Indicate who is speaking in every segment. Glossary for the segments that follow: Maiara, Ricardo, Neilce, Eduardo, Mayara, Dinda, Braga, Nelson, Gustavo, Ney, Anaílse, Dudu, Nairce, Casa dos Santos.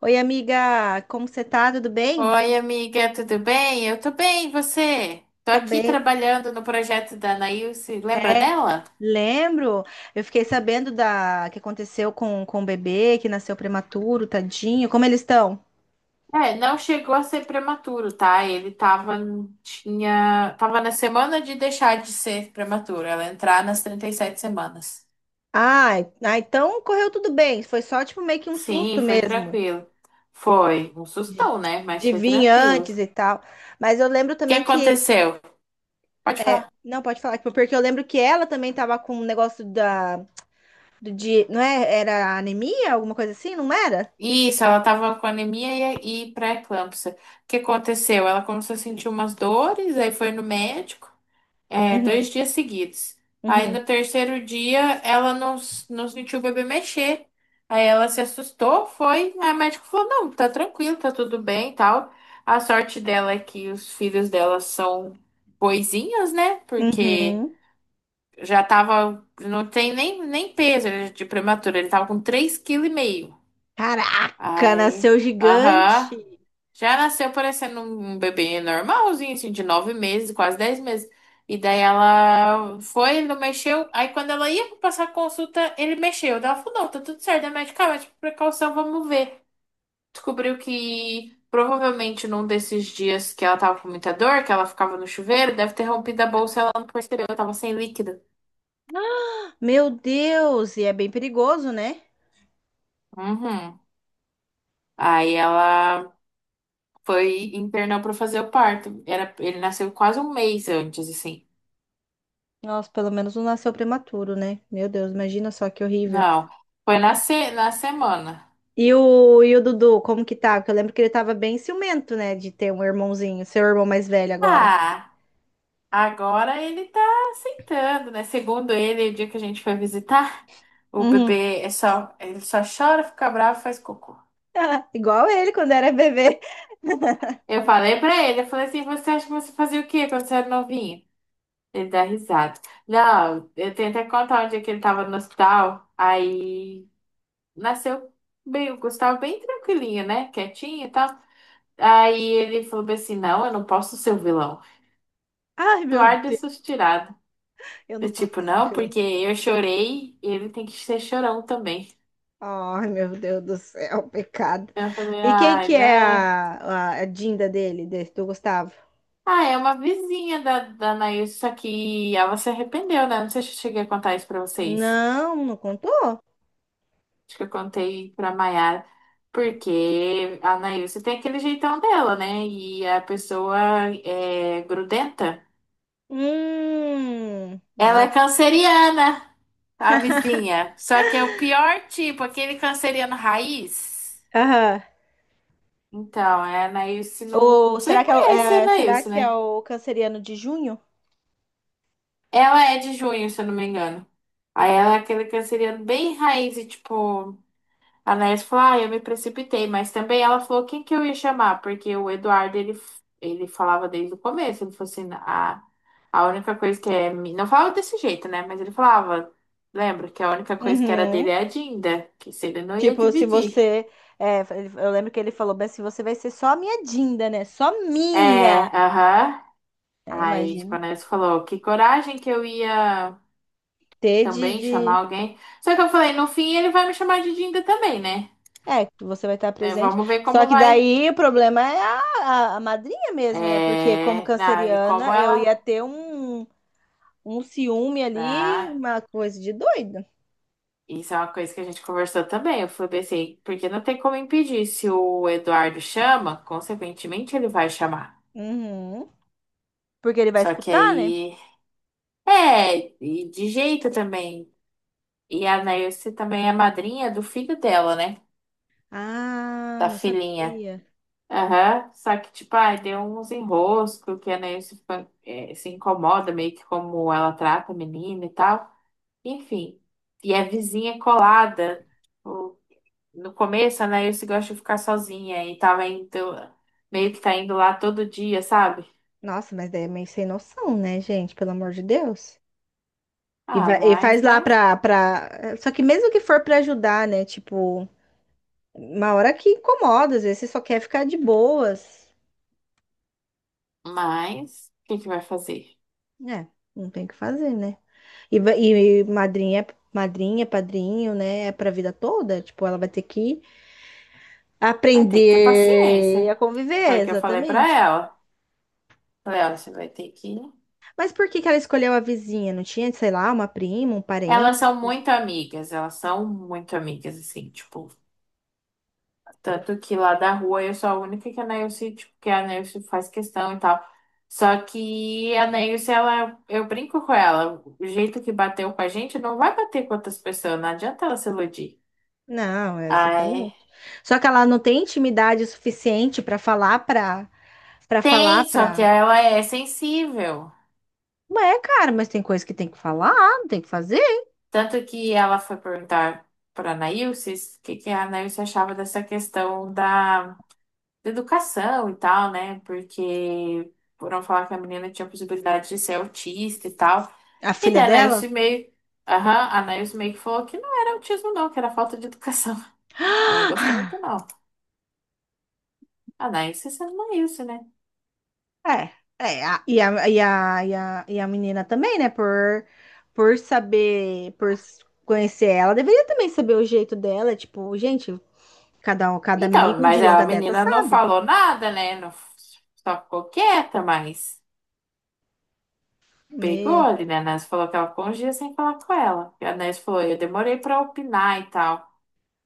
Speaker 1: Oi, amiga, como você tá? Tudo bem?
Speaker 2: Oi, amiga, tudo bem? Eu tô bem, e você? Tô
Speaker 1: Tô
Speaker 2: aqui
Speaker 1: bem.
Speaker 2: trabalhando no projeto da Anaílse, lembra
Speaker 1: É,
Speaker 2: dela?
Speaker 1: lembro. Eu fiquei sabendo da que aconteceu com o bebê que nasceu prematuro, tadinho. Como eles estão?
Speaker 2: É, não chegou a ser prematuro, tá? Ele tava na semana de deixar de ser prematuro, ela entrar nas 37 semanas.
Speaker 1: Ai, ah, então correu tudo bem. Foi só tipo meio que um
Speaker 2: Sim,
Speaker 1: susto
Speaker 2: foi
Speaker 1: mesmo
Speaker 2: tranquilo. Foi um
Speaker 1: de,
Speaker 2: sustão, né? Mas
Speaker 1: de
Speaker 2: foi
Speaker 1: vir
Speaker 2: tranquilo.
Speaker 1: antes e
Speaker 2: O
Speaker 1: tal. Mas eu lembro
Speaker 2: que
Speaker 1: também que
Speaker 2: aconteceu? Pode falar.
Speaker 1: não pode falar tipo, porque eu lembro que ela também tava com um negócio da do de, não é? Era anemia, alguma coisa assim, não era?
Speaker 2: Isso, ela tava com anemia e pré-eclâmpsia. O que aconteceu? Ela começou a sentir umas dores, aí foi no médico. É,
Speaker 1: Uhum,
Speaker 2: dois dias seguidos. Aí
Speaker 1: uhum,
Speaker 2: no terceiro dia ela não sentiu o bebê mexer. Aí ela se assustou, foi. Aí o médico falou: não, tá tranquilo, tá tudo bem e tal. A sorte dela é que os filhos dela são boizinhos, né? Porque
Speaker 1: uhum.
Speaker 2: já tava. Não tem nem, nem peso ele é de prematuro. Ele tava com 3,5 kg.
Speaker 1: Caraca,
Speaker 2: Aí.
Speaker 1: nasceu
Speaker 2: Aham.
Speaker 1: gigante.
Speaker 2: Já nasceu parecendo um bebê normalzinho, assim, de 9 meses, quase 10 meses. E daí ela foi, ele não mexeu. Aí quando ela ia passar a consulta, ele mexeu. Daí ela falou, não, tá tudo certo, é medicamento, por precaução, vamos ver. Descobriu que provavelmente num desses dias que ela tava com muita dor, que ela ficava no chuveiro, deve ter rompido a bolsa, ela não percebeu, ela tava sem líquido.
Speaker 1: Meu Deus, e é bem perigoso, né?
Speaker 2: Uhum. Aí ela foi internou pra fazer o parto. Era, ele nasceu quase um mês antes, assim.
Speaker 1: Nossa, pelo menos não nasceu prematuro, né? Meu Deus, imagina só que horrível.
Speaker 2: Não, foi na, se na semana.
Speaker 1: E o Dudu, como que tá? Porque eu lembro que ele tava bem ciumento, né? De ter um irmãozinho, seu irmão mais velho agora.
Speaker 2: Ah, agora ele tá aceitando, né? Segundo ele, o dia que a gente foi visitar, o
Speaker 1: Uhum.
Speaker 2: bebê é só, ele só chora, fica bravo, e faz cocô.
Speaker 1: Igual ele quando era bebê.
Speaker 2: Eu falei pra ele, eu falei assim, você acha que você fazia o quê quando você era novinho? Ele dá risada. Não, eu tenho até que contar um dia que ele tava no hospital, aí nasceu bem, o Gustavo bem tranquilinho, né? Quietinho e tal. Aí ele falou bem assim, não, eu não posso ser o vilão.
Speaker 1: Ai, meu
Speaker 2: Eduardo é
Speaker 1: Deus,
Speaker 2: suas.
Speaker 1: eu não
Speaker 2: Eu,
Speaker 1: posso
Speaker 2: tipo,
Speaker 1: ser o
Speaker 2: não,
Speaker 1: vilão.
Speaker 2: porque eu chorei, ele tem que ser chorão também.
Speaker 1: Ai, meu Deus do céu, pecado.
Speaker 2: Eu falei,
Speaker 1: E quem
Speaker 2: ai,
Speaker 1: que é
Speaker 2: não.
Speaker 1: a Dinda dele, desse, do Gustavo?
Speaker 2: Ah, é uma vizinha da Anaís, só que ela se arrependeu, né? Não sei se eu cheguei a contar isso pra vocês.
Speaker 1: Não, não contou?
Speaker 2: Acho que eu contei pra Maiara. Porque a Anaísa tem aquele jeitão dela, né? E a pessoa é grudenta. Ela é
Speaker 1: Nossa.
Speaker 2: canceriana, a vizinha. Só que é o pior tipo, aquele canceriano raiz.
Speaker 1: Aham.
Speaker 2: Então, é a Anaílse não.
Speaker 1: Ou
Speaker 2: Você
Speaker 1: será que é,
Speaker 2: conhece a
Speaker 1: será
Speaker 2: Anaílse,
Speaker 1: que é
Speaker 2: né?
Speaker 1: o canceriano de junho?
Speaker 2: Ela é de junho, se eu não me engano. Aí ela é aquele canceriano bem raiz e tipo. A Anaílse falou, ah, eu me precipitei, mas também ela falou quem que eu ia chamar, porque o Eduardo, ele falava desde o começo, ele falou assim, a única coisa que é. Não falava desse jeito, né? Mas ele falava, lembra, que a única coisa que era dele
Speaker 1: Uhum.
Speaker 2: é a Dinda, que se ele não ia
Speaker 1: Tipo, se
Speaker 2: dividir.
Speaker 1: você. Eu lembro que ele falou bem assim: você vai ser só a minha Dinda, né? Só
Speaker 2: É,
Speaker 1: minha.
Speaker 2: aham.
Speaker 1: É,
Speaker 2: Aí, tipo, a
Speaker 1: imagina.
Speaker 2: Anaílse falou, que coragem que eu ia.
Speaker 1: Ter de,
Speaker 2: Também chamar
Speaker 1: de.
Speaker 2: alguém. Só que eu falei, no fim ele vai me chamar de Dinda também, né?
Speaker 1: É, que você vai estar
Speaker 2: Né,
Speaker 1: presente.
Speaker 2: vamos ver
Speaker 1: Só
Speaker 2: como
Speaker 1: que
Speaker 2: vai.
Speaker 1: daí o problema é a madrinha mesmo, né? Porque como
Speaker 2: É, e como
Speaker 1: canceriana, eu
Speaker 2: ela.
Speaker 1: ia ter um ciúme ali,
Speaker 2: Tá.
Speaker 1: uma coisa de doido.
Speaker 2: Isso é uma coisa que a gente conversou também. Eu falei assim, porque não tem como impedir. Se o Eduardo chama, consequentemente ele vai chamar.
Speaker 1: Uhum. Porque ele vai
Speaker 2: Só que
Speaker 1: escutar, né?
Speaker 2: aí. É, e de jeito também. E a Nairce também é madrinha do filho dela, né?
Speaker 1: Ah,
Speaker 2: Da
Speaker 1: não
Speaker 2: filhinha.
Speaker 1: sabia.
Speaker 2: Aham. Só que, tipo, ai, deu uns enroscos que a Ney se, fa- eh, se incomoda meio que como ela trata a menina e tal. Enfim, e é vizinha colada. O- No começo, a Ney se gosta de ficar sozinha e tava indo, meio que tá indo lá todo dia, sabe?
Speaker 1: Nossa, mas daí é meio sem noção, né, gente? Pelo amor de Deus. E,
Speaker 2: Ah,
Speaker 1: vai, e
Speaker 2: mas,
Speaker 1: faz lá
Speaker 2: né?
Speaker 1: pra. Só que mesmo que for pra ajudar, né? Tipo, uma hora que incomoda, às vezes você só quer ficar de boas.
Speaker 2: Mas, o que que vai fazer?
Speaker 1: É, não tem o que fazer, né? E madrinha, padrinho, né? É pra vida toda. Tipo, ela vai ter que
Speaker 2: Vai ter que ter
Speaker 1: aprender
Speaker 2: paciência.
Speaker 1: a
Speaker 2: Foi
Speaker 1: conviver,
Speaker 2: o que eu falei pra
Speaker 1: exatamente.
Speaker 2: ela. Falei, olha, você vai ter que.
Speaker 1: Mas por que que ela escolheu a vizinha? Não tinha, sei lá, uma prima, um
Speaker 2: Elas
Speaker 1: parente?
Speaker 2: são muito amigas, elas são muito amigas, assim, tipo. Tanto que lá da rua eu sou a única que a Neilce, tipo, que a Neilce faz questão e tal. Só que a Neilce, ela, eu brinco com ela. O jeito que bateu com a gente não vai bater com outras pessoas, não adianta ela se iludir.
Speaker 1: Não, é
Speaker 2: Ai,
Speaker 1: exatamente. Só que ela não tem intimidade suficiente para falar para para falar
Speaker 2: tem, só que
Speaker 1: para.
Speaker 2: ela é sensível.
Speaker 1: É, cara, mas tem coisa que tem que falar, não tem que fazer.
Speaker 2: Tanto que ela foi perguntar pra Neilce o que que a Neilce achava dessa questão da. De educação e tal, né? Porque foram falar que a menina tinha possibilidade de ser autista e tal.
Speaker 1: A
Speaker 2: E
Speaker 1: filha
Speaker 2: daí a
Speaker 1: dela?
Speaker 2: Nelson meio, aham, a Nelson meio que falou que não era autismo, não, que era falta de educação. Ela não gostou muito, não. A Nelson sendo isso, né?
Speaker 1: É, é, a- e a, e a, e a, e a menina também, né? Por saber, conhecer ela, deveria também saber o jeito dela. Tipo, gente, cada um, cada
Speaker 2: Então,
Speaker 1: amigo de
Speaker 2: mas a
Speaker 1: longa data
Speaker 2: menina não
Speaker 1: sabe.
Speaker 2: falou nada, né? Não, só ficou quieta, mas pegou
Speaker 1: Me,
Speaker 2: ali, né? A Nelson falou que ela ficou uns dias sem falar com ela. E a Nelson falou, eu demorei pra opinar e tal.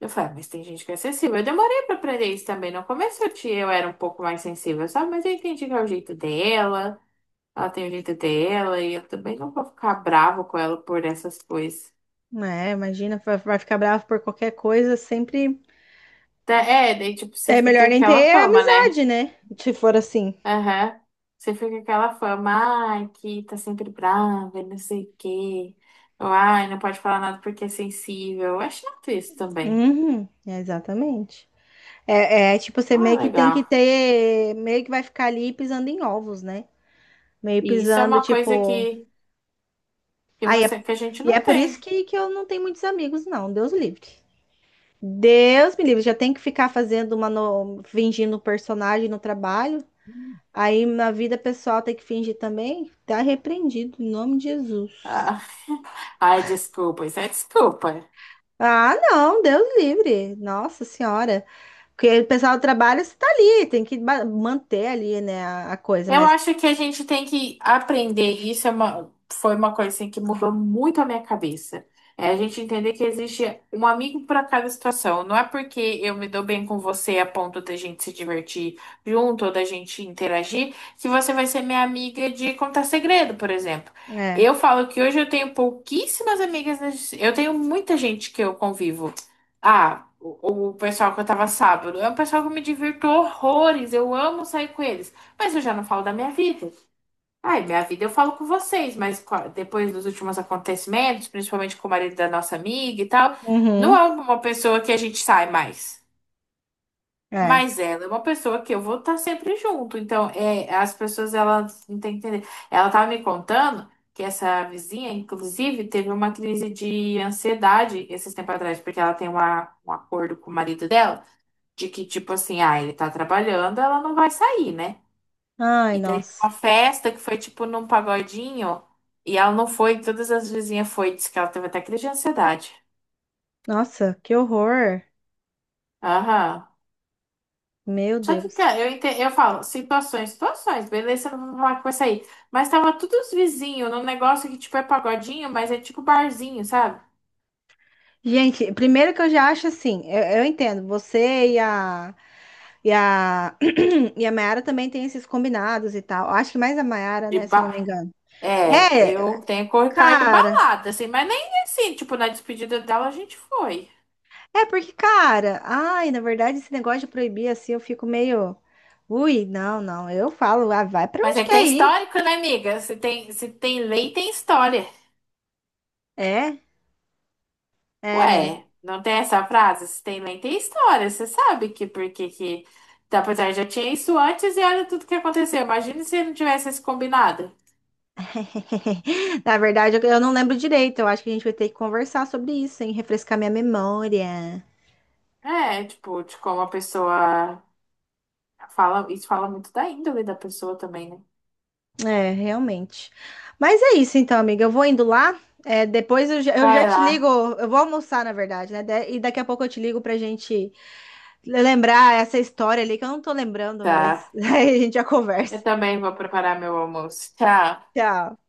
Speaker 2: Eu falei, ah, mas tem gente que é sensível. Eu demorei pra aprender isso também. No começo eu, tinha, eu era um pouco mais sensível, sabe? Mas eu entendi que é o jeito dela, ela tem o jeito dela, e eu também não vou ficar bravo com ela por essas coisas.
Speaker 1: é, imagina, vai vai ficar bravo por qualquer coisa, sempre.
Speaker 2: Tá, é, daí tipo, você
Speaker 1: É
Speaker 2: fica
Speaker 1: melhor
Speaker 2: com
Speaker 1: nem
Speaker 2: aquela
Speaker 1: ter
Speaker 2: fama, né?
Speaker 1: amizade, né? Se for assim.
Speaker 2: Aham. Você fica com aquela fama, ai, que tá sempre brava, e não sei o quê. Ou, ai, não pode falar nada porque é sensível. Eu acho chato isso também.
Speaker 1: Uhum, exatamente. É, é tipo, você
Speaker 2: Ah,
Speaker 1: meio que tem que
Speaker 2: legal.
Speaker 1: ter. Meio que vai ficar ali pisando em ovos, né? Meio
Speaker 2: E isso é
Speaker 1: pisando,
Speaker 2: uma coisa
Speaker 1: tipo.
Speaker 2: que
Speaker 1: Aí é-
Speaker 2: você, que a gente
Speaker 1: E é
Speaker 2: não
Speaker 1: por isso
Speaker 2: tem.
Speaker 1: que eu não tenho muitos amigos, não. Deus livre. Deus me livre. Já tem que ficar fazendo uma. No... Fingindo um personagem no trabalho. Aí na vida pessoal tem que fingir também. Tá repreendido, em nome de Jesus.
Speaker 2: Ah, ai, desculpa, isso é desculpa.
Speaker 1: Ah, não, Deus livre. Nossa Senhora. Porque o pessoal trabalha, você tá ali, tem que manter ali, né, a coisa,
Speaker 2: Eu
Speaker 1: mas
Speaker 2: acho que a gente tem que aprender. Isso é uma, foi uma coisa assim, que mudou muito a minha cabeça. É a gente entender que existe um amigo para cada situação. Não é porque eu me dou bem com você a ponto da gente se divertir junto ou da gente interagir, que você vai ser minha amiga de contar segredo, por exemplo.
Speaker 1: é.
Speaker 2: Eu falo que hoje eu tenho pouquíssimas amigas. Eu tenho muita gente que eu convivo. Ah, o pessoal que eu tava sábado. É um pessoal que eu me divirto horrores. Eu amo sair com eles. Mas eu já não falo da minha vida. Ai, minha vida eu falo com vocês, mas depois dos últimos acontecimentos, principalmente com o marido da nossa amiga e tal, não
Speaker 1: Uhum,
Speaker 2: é uma pessoa que a gente sai mais.
Speaker 1: é.
Speaker 2: Mas ela é uma pessoa que eu vou estar sempre junto. Então, é, as pessoas, elas não têm que entender. Ela tava me contando que essa vizinha, inclusive, teve uma crise de ansiedade esses tempos atrás, porque ela tem uma, um acordo com o marido dela, de que, tipo assim, ah, ele tá trabalhando, ela não vai sair, né?
Speaker 1: Ai,
Speaker 2: E daí tinha
Speaker 1: nossa.
Speaker 2: uma festa que foi tipo num pagodinho. E ela não foi, todas as vizinhas foi, disse que ela teve até crise de ansiedade.
Speaker 1: Nossa, que horror.
Speaker 2: Aham.
Speaker 1: Meu
Speaker 2: Só que,
Speaker 1: Deus.
Speaker 2: cara, eu falo, situações, situações, beleza, não vou falar que vai sair. Mas tava todos os vizinhos num negócio que, tipo, é pagodinho, mas é tipo barzinho, sabe?
Speaker 1: Gente, primeiro que eu já acho assim, eu entendo, você e a e a Mayara também tem esses combinados e tal. Acho que mais a Mayara,
Speaker 2: De
Speaker 1: né, se eu não me
Speaker 2: bar.
Speaker 1: engano.
Speaker 2: É,
Speaker 1: É,
Speaker 2: eu tenho com o Ricardo
Speaker 1: cara.
Speaker 2: balada, assim, mas nem assim, tipo, na despedida dela a gente foi.
Speaker 1: É porque, cara, ai, na verdade esse negócio de proibir assim, eu fico meio. Ui, não. Eu falo, ah, vai pra
Speaker 2: Mas
Speaker 1: onde
Speaker 2: é que tem
Speaker 1: quer ir.
Speaker 2: histórico, né, amiga? Se tem, se tem lei, tem história.
Speaker 1: É. É, né?
Speaker 2: Ué, não tem essa frase? Se tem mãe, tem história. Você sabe que porque que. Que. Tá, pois é, já tinha isso antes e olha tudo que aconteceu. Imagina se não tivesse esse combinado.
Speaker 1: Na verdade, eu não lembro direito. Eu acho que a gente vai ter que conversar sobre isso, hein? Refrescar minha memória.
Speaker 2: É, tipo, de como a pessoa fala. Isso fala muito da índole da pessoa também, né?
Speaker 1: É, realmente. Mas é isso então, amiga. Eu vou indo lá. É, depois eu já
Speaker 2: Vai
Speaker 1: te ligo.
Speaker 2: lá.
Speaker 1: Eu vou almoçar, na verdade, né? E daqui a pouco eu te ligo pra gente lembrar essa história ali que eu não tô lembrando, tá, mas
Speaker 2: Tá.
Speaker 1: aí a gente já
Speaker 2: Eu
Speaker 1: conversa.
Speaker 2: também vou preparar meu almoço. Tchau.
Speaker 1: Tchau.